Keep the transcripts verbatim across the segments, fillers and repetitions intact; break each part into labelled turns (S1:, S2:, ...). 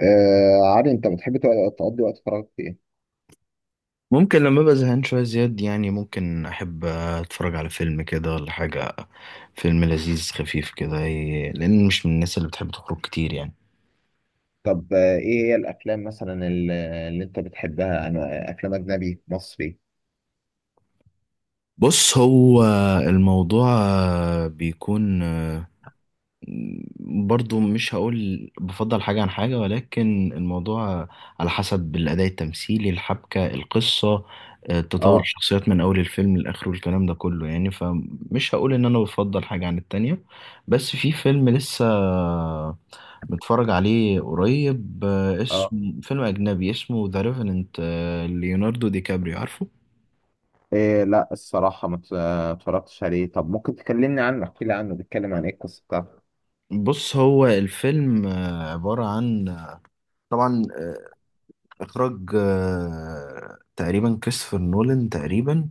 S1: آه عادي انت بتحب تق- تقضي وقت فراغك في ايه؟
S2: ممكن لما ابقى زهقان شويه زياد، يعني ممكن احب اتفرج على فيلم كده ولا حاجه. فيلم لذيذ خفيف كده، ي- لان مش من الناس اللي بتحب تخرج كتير يعني.
S1: طب آه ايه هي الافلام مثلا ال- اللي انت بتحبها؟ انا افلام اجنبي مصري.
S2: بص، هو الموضوع بيكون برضو، مش هقول بفضل حاجه عن حاجه، ولكن الموضوع على حسب الاداء التمثيلي، الحبكه، القصه، تطور
S1: اه
S2: الشخصيات من اول الفيلم لاخره، الكلام ده كله يعني، فمش هقول ان انا بفضل حاجه عن التانية. بس في فيلم لسه متفرج عليه قريب، آه،
S1: اه
S2: اسمه. فيلم أجنبي اسمه ذا ريفننت، ليوناردو دي كابريو، عارفه.
S1: إيه، لا الصراحة ما ت- آه، اتفرجتش عليه. طب ممكن تكلمني عنه، احكي لي عنه، بيتكلم عن ايه القصة بتاعته؟
S2: بص، هو الفيلم آه، عبارة عن، آه، طبعا آه، إخراج آه، تقريبا كريستوفر نولان تقريبا،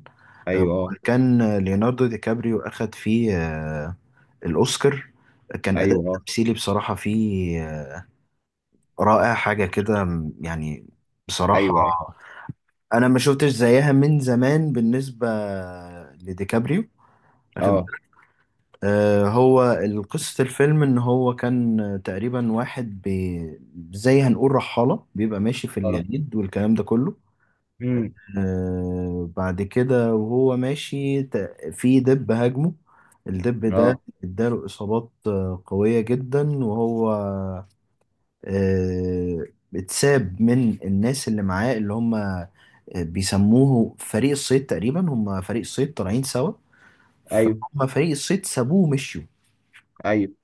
S2: آه،
S1: ايوه اه
S2: وكان آه، ليوناردو دي كابريو أخد فيه آه، الأوسكار. كان أداء
S1: ايوه اه
S2: تمثيلي بصراحة فيه آه، رائع، حاجة كده م- يعني، بصراحة
S1: ايوه ايوه
S2: أنا ما شفتش زيها من زمان بالنسبة لديكابريو. واخد
S1: اه
S2: آه، هو قصة الفيلم إن هو كان آه، تقريبا واحد بي زي هنقول رحالة بيبقى ماشي في
S1: اه
S2: الجليد والكلام ده كله.
S1: امم،
S2: آه، بعد كده وهو ماشي ت- في دب هاجمه. الدب ده
S1: اه
S2: اداله إصابات آه، قوية جدا، وهو آه، اتساب من الناس اللي معاه، اللي هم آه، بيسموه فريق الصيد تقريبا. هم فريق الصيد طالعين سوا،
S1: ايوه
S2: فهم فريق الصيد سابوه ومشيوا.
S1: ايوه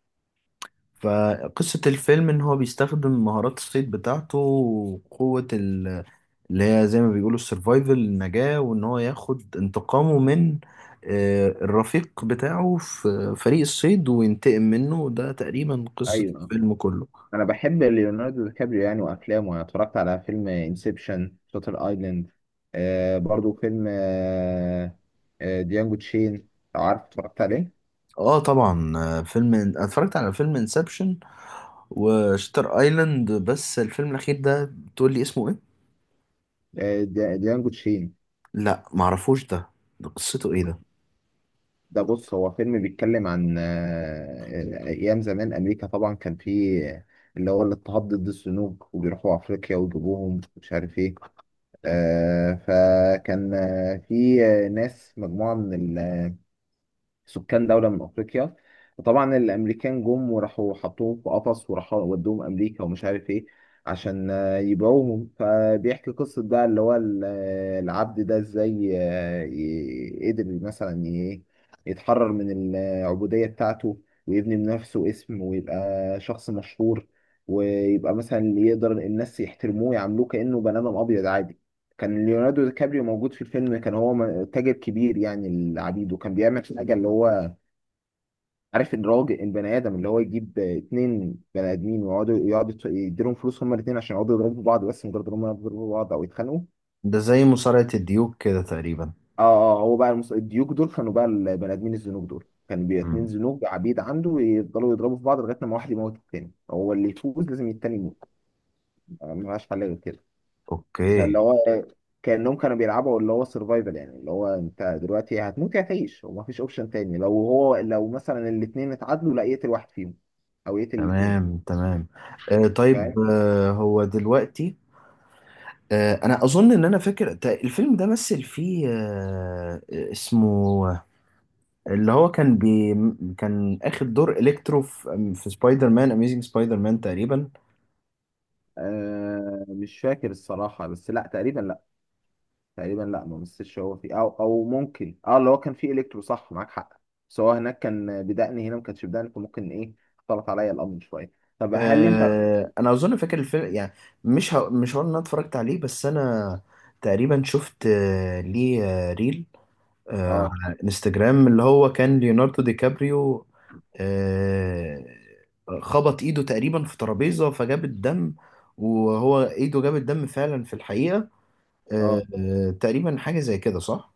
S2: فقصة الفيلم إن هو بيستخدم مهارات الصيد بتاعته وقوة ال- اللي هي زي ما بيقولوا السرفايفل، النجاة، وإن هو ياخد انتقامه من آه، الرفيق بتاعه في فريق الصيد وينتقم منه. ده تقريبا قصة
S1: ايوه
S2: الفيلم كله.
S1: انا بحب ليوناردو دي كابريو يعني، وافلامه. انا اتفرجت على فيلم انسبشن، شاتر ايلاند، آه برضو فيلم آه آه ديانجو تشين، لو عارف. اتفرجت عليه؟
S2: اه، طبعا. آه، فيلم أنا اتفرجت على فيلم انسبشن وشتر ايلاند، بس الفيلم الأخير ده تقول لي اسمه ايه؟
S1: آه دي- ديانجو تشين
S2: لا، معرفوش ده ده قصته ايه ده؟
S1: ده، بص، هو فيلم بيتكلم عن آه آه، ايام زمان. امريكا طبعا كان فيه اللي هو الاضطهاد ضد السنوك، وبيروحوا افريقيا ويجيبوهم، مش عارف ايه. آه فكان آه، في آه، ناس، مجموعة من سكان دولة من أفريقيا، وطبعا الأمريكان جم وراحوا حطوهم في قفص وراحوا ودوهم أمريكا ومش عارف إيه، عشان آه، يبيعوهم. فبيحكي قصة بقى اللي هو ال- آه، العبد ده إزاي آه، ي- قدر مثلا ي- يتحرر من العبودية بتاعته، ويبني بنفسه اسم، ويبقى شخص مشهور، ويبقى مثلا اللي يقدر الناس يحترموه، يعاملوه كأنه بني آدم أبيض عادي. كان ليوناردو دي كابريو موجود في الفيلم، كان هو م- تاجر كبير يعني العبيد، وكان بيعمل حاجه اللي هو، عارف الراجل البني ادم اللي هو يجيب اتنين بني ادمين ويقعدوا يقعدوا يت- يديلهم فلوس هما الاتنين عشان يقعدوا يضربوا بعض، بس مجرد ان هما يضربوا بعض او يتخانقوا.
S2: ده زي مصارعة الديوك كده تقريبا.
S1: اه اه آه، هو بقى المس... الديوك دول كانوا بقى، البني ادمين الزنوج دول كانوا بي اتنين زنوج عبيد عنده، يفضلوا يضربوا في بعض لغايه لما واحد يموت. التاني هو اللي يفوز، لازم التاني يموت، ما لهاش حل غير كده.
S2: اوكي.
S1: فاللي هو كأنهم كانوا بيلعبوا اللي هو سرفايفل، يعني اللي هو انت دلوقتي هتموت يا هتعيش، ومفيش اوبشن تاني. لو هو لو مثلا الاثنين اتعادلوا، لا يقتل واحد فيهم او يقتل الاثنين.
S2: تمام، تمام. آه
S1: فاهم؟
S2: طيب، آه هو دلوقتي آه انا اظن ان انا فاكر تا- الفيلم ده مثل فيه آه آه، اسمه. اللي هو كان بي كان اخد دور الكترو في, في سبايدر مان اميزing سبايدر مان تقريبا.
S1: آه مش فاكر الصراحة، بس لا تقريبا، لا تقريبا لا ما مسش. هو فيه او او ممكن، اه، اللي هو كان فيه الكترو، صح معاك حق. بس هو هناك كان بدقن، هنا ما كانش بدقن، فممكن ايه، اختلط عليا الامر شوية. طب هل انت،
S2: آه انا اظن فاكر الفيلم يعني، مش ه... مش هقول ان انا اتفرجت عليه، بس انا تقريبا شفت آه ليه آه ريل آه،
S1: اه
S2: على انستجرام، اللي هو كان ليوناردو دي كابريو آه، خبط ايده تقريبا في ترابيزة فجاب الدم. وهو ايده جاب الدم فعلا في الحقيقة، آه،
S1: اه
S2: آه، تقريبا حاجة زي كده، صح؟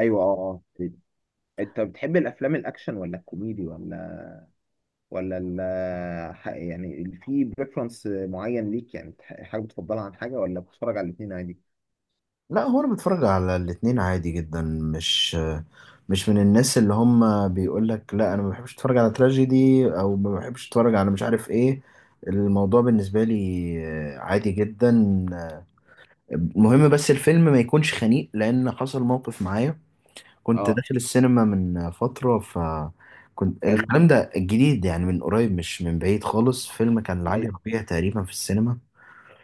S1: ايوه اه اه تقريباً. انت بتحب الافلام الاكشن ولا الكوميدي، ولا ولا ال- ح- يعني في بريفرنس معين ليك، يعني تح- حاجه بتفضلها عن حاجه، ولا بتتفرج على الاثنين عادي؟
S2: لا، هو انا بتفرج على الاتنين عادي جدا. مش مش من الناس اللي هم بيقول لك لا، انا ما بحبش اتفرج على تراجيدي، او ما بحبش اتفرج على مش عارف ايه. الموضوع بالنسبة لي آه، عادي جدا. المهم بس الفيلم ما يكونش خنيق، لان حصل موقف معايا، كنت
S1: اه
S2: داخل السينما من فترة. ف كنت
S1: حلو.
S2: الكلام ده الجديد يعني، من قريب مش من بعيد خالص. فيلم كان لعلي
S1: ايوه
S2: ربيع تقريبا في السينما،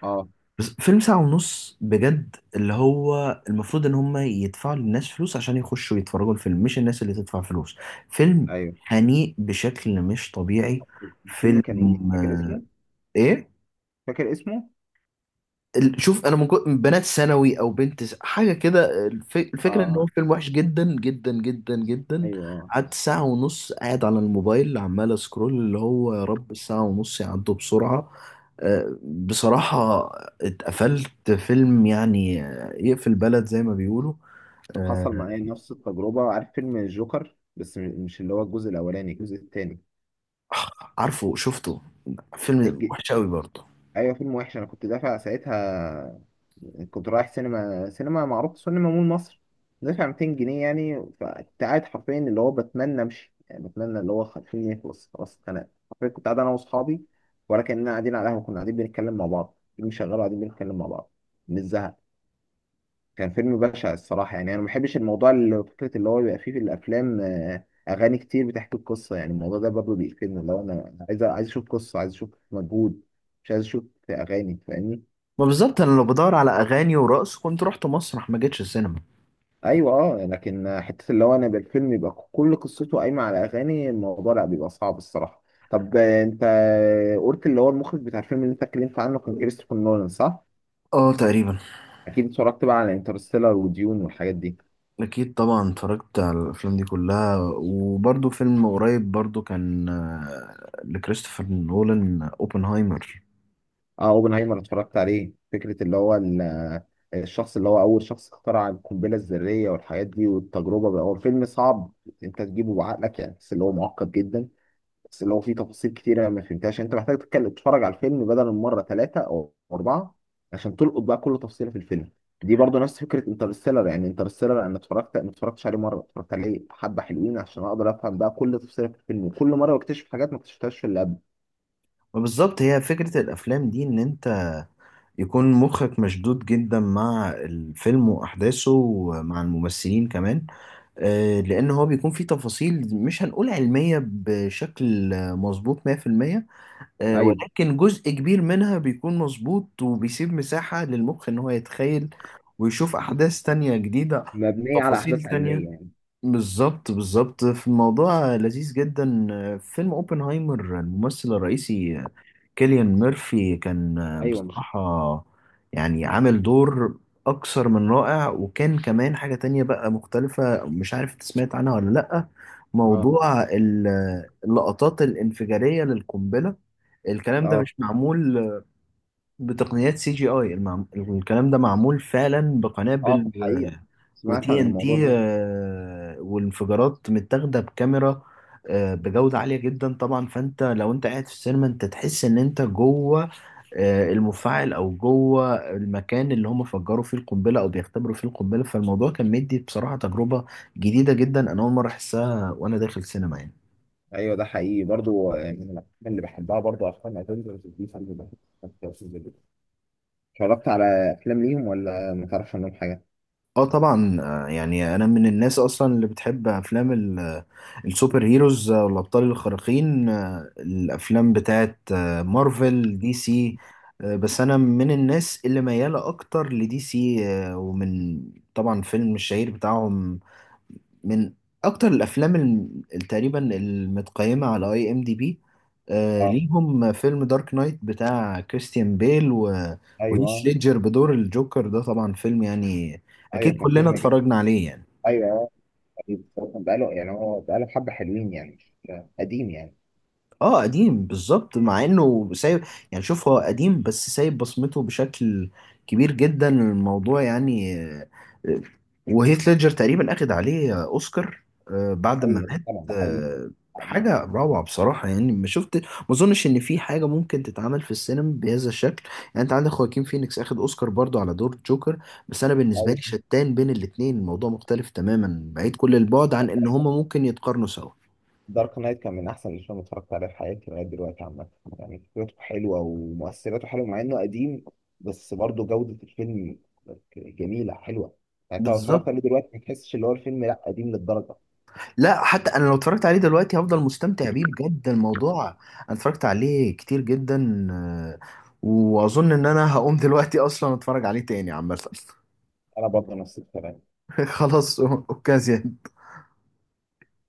S1: اه
S2: بس فيلم ساعة ونص بجد، اللي هو المفروض ان هم يدفعوا للناس فلوس عشان يخشوا يتفرجوا الفيلم، مش الناس اللي تدفع فلوس. فيلم
S1: ايوه
S2: خنيق بشكل مش طبيعي.
S1: الفيلم
S2: فيلم
S1: كان ايه؟ فاكر
S2: آه،
S1: اسمه؟
S2: ايه
S1: فاكر اسمه؟
S2: ال- شوف، انا من كو- من بنات ثانوي او بنت س- حاجه كده، الف- الفكره ان هو
S1: اه
S2: فيلم وحش جدا جدا جدا جدا.
S1: ايوه اه
S2: قعدت ساعه ونص قاعد على الموبايل عمال اسكرول، اللي هو يا رب الساعه ونص يعدوا بسرعه. آه، بصراحه اتقفلت. فيلم يعني آه، يقفل بلد زي ما بيقولوا. آه،
S1: حصل معايا نفس التجربه. عارف فيلم الجوكر، بس م- مش اللي هو الجزء الاولاني، الجزء الثاني.
S2: عارفه، شفته. فيلم وحش قوي برضه.
S1: ايوه فيلم وحش. انا كنت دافع ساعتها، كنت رايح سينما سينما معروف، سينما مول مصر، دافع مئتين جنيه يعني. فكنت قاعد حرفيا اللي هو بتمنى امشي، يعني بتمنى اللي هو خليني يخلص خلاص، اتخنقت حرفيا. كنت قاعد انا واصحابي ولا كاننا قاعدين على قهوه، كنا قاعدين بنتكلم مع بعض، فيلم شغال وقاعدين بنتكلم مع بعض من الزهق. كان فيلم بشع الصراحه. يعني انا ما بحبش الموضوع اللي فكره اللي هو بيبقى فيه في الافلام آه، اغاني كتير بتحكي القصه، يعني الموضوع ده برضه بيقفلني. اللي هو انا عايز عايز اشوف قصه، عايز اشوف مجهود، مش عايز اشوف اغاني، فاهمني؟
S2: ما بالظبط، انا لو بدور على اغاني ورقص كنت رحت مسرح ما جيتش السينما.
S1: ايوه اه لكن حته اللي هو انا يبقى الفيلم يبقى كل قصته قايمه على اغاني، الموضوع لا، بيبقى صعب الصراحه. طب آه، انت قلت اللي هو المخرج بتاع الفيلم اللي انت اتكلمت عنه كان كريستوفر نولان، صح؟
S2: اه، تقريبا.
S1: اكيد اتفرجت بقى على انترستيلر وديون والحاجات دي.
S2: أكيد طبعا اتفرجت على الأفلام دي كلها. وبرضه فيلم قريب برضه كان آه، لكريستوفر نولان، آه، أوبنهايمر.
S1: اه، اوبنهايمر اتفرجت عليه. فكره اللي هو ال- الشخص اللي هو اول شخص اخترع القنبله الذريه والحاجات دي والتجربه بقى. هو فيلم صعب، انت تجيبه بعقلك يعني، بس اللي هو معقد جدا. بس لو في تفاصيل كتيرة أنا ما فهمتهاش، يعني انت محتاج تتكلم تتفرج على الفيلم بدل من مرة، ثلاثة او اربعة، عشان تلقط بقى كل تفصيلة في الفيلم. دي برضو نفس فكرة انترستيلر. يعني انترستيلر انا اتفرجت ما اتفرجتش عليه مرة، اتفرجت عليه حبة حلوين عشان اقدر افهم بقى كل تفصيلة في الفيلم، وكل مرة بكتشف حاجات ما اكتشفتهاش في اللي قبل.
S2: وبالظبط هي فكرة الأفلام دي، إن أنت يكون مخك مشدود جدا مع الفيلم وأحداثه ومع الممثلين كمان، آه، لأن هو بيكون فيه تفاصيل مش هنقول علمية بشكل آه، مظبوط ميه في الميه، آه،
S1: ايوه،
S2: ولكن جزء كبير منها بيكون مظبوط وبيسيب مساحة للمخ إن هو يتخيل ويشوف أحداث تانية جديدة،
S1: مبنية على
S2: تفاصيل
S1: احداث علمية
S2: تانية.
S1: يعني.
S2: بالظبط، بالظبط، في الموضوع لذيذ جدا. فيلم اوبنهايمر، الممثل الرئيسي كيليان ميرفي، كان
S1: ايوه مش،
S2: بصراحة يعني عامل دور أكثر من رائع. وكان كمان حاجة تانية بقى مختلفة، مش عارف انت سمعت عنها ولا لأ،
S1: اه
S2: موضوع ال- اللقطات الانفجارية للقنبلة. الكلام ده
S1: اه
S2: مش معمول بتقنيات سي جي اي، الكلام ده معمول فعلا
S1: اه في
S2: بقنابل
S1: الحقيقة سمعت
S2: وتي
S1: عن
S2: ان
S1: الموضوع
S2: تي،
S1: ده.
S2: والانفجارات متاخده بكاميرا آه، بجوده عاليه جدا. طبعا فانت لو انت قاعد في السينما، انت تحس ان انت جوه آه، المفاعل او جوه المكان اللي هم فجروا فيه القنبله او بيختبروا فيه القنبله. فالموضوع كان مدي بصراحه تجربه جديده جدا، انا اول مره احسها وانا داخل سينما يعني.
S1: ايوه ده حقيقي برضو. آه، من الافلام اللي بحبها برضو افلام افنجرز دي. فيلم اتفرجت على افلام ليهم ولا ما تعرفش عنهم حاجه؟
S2: اه طبعا، آه، يعني انا من الناس اصلا اللي بتحب افلام ال- آه، السوبر هيروز، آه، والابطال الخارقين. آه، الافلام بتاعت آه، مارفل، دي سي، آه، بس انا من الناس اللي ميالة اكتر لدي سي، آه، ومن طبعا فيلم الشهير بتاعهم، من اكتر الافلام الم- تقريبا المتقيمه على اي ام دي بي آه
S1: اه
S2: ليهم، فيلم دارك نايت بتاع كريستيان بيل و- وهيث
S1: ايوه
S2: ليدجر بدور الجوكر. ده طبعا فيلم يعني
S1: ايوه
S2: اكيد
S1: كان
S2: كلنا
S1: فيلم جدا،
S2: اتفرجنا عليه يعني.
S1: ايوه ايوه. بس هو كان بقاله يعني، هو بقاله حبه حلوين يعني، مش قديم يعني.
S2: اه، قديم بالظبط. مع انه سايب يعني، شوف هو قديم بس سايب بصمته بشكل كبير جدا الموضوع يعني. آه، آه، وهيث ليدجر تقريبا اخد عليه آه، اوسكار آه، بعد ما
S1: ايوه ده
S2: مات.
S1: فعلا، ده حقيقي
S2: آه،
S1: قديم.
S2: حاجة روعة بصراحة يعني. ما شفت ما اظنش ان في حاجة ممكن تتعمل في السينما بهذا الشكل. يعني انت عندك خواكين فينيكس اخد اوسكار برضو على دور جوكر، بس انا بالنسبة
S1: ايوه،
S2: لي شتان بين الاتنين، الموضوع مختلف تماما بعيد كل البعد عن ان هما ممكن يتقارنوا سوا.
S1: دارك نايت كان من احسن الافلام اللي اتفرجت عليها في حياتي لغايه دلوقتي عامه. يعني فكرته حلوه ومؤثراته حلوه مع انه قديم، بس برضه جوده الفيلم جميله حلوه. يعني انت لو اتفرجت
S2: بالظبط.
S1: عليه دلوقتي ما تحسش اللي هو الفيلم لا قديم للدرجه.
S2: لا، حتى انا لو اتفرجت عليه دلوقتي هفضل مستمتع بيه بجد. الموضوع انا اتفرجت عليه كتير جدا، آه، واظن ان انا هقوم دلوقتي اصلا اتفرج عليه تاني عامه.
S1: انا برضه نفس الكلام.
S2: خلاص اوكازيا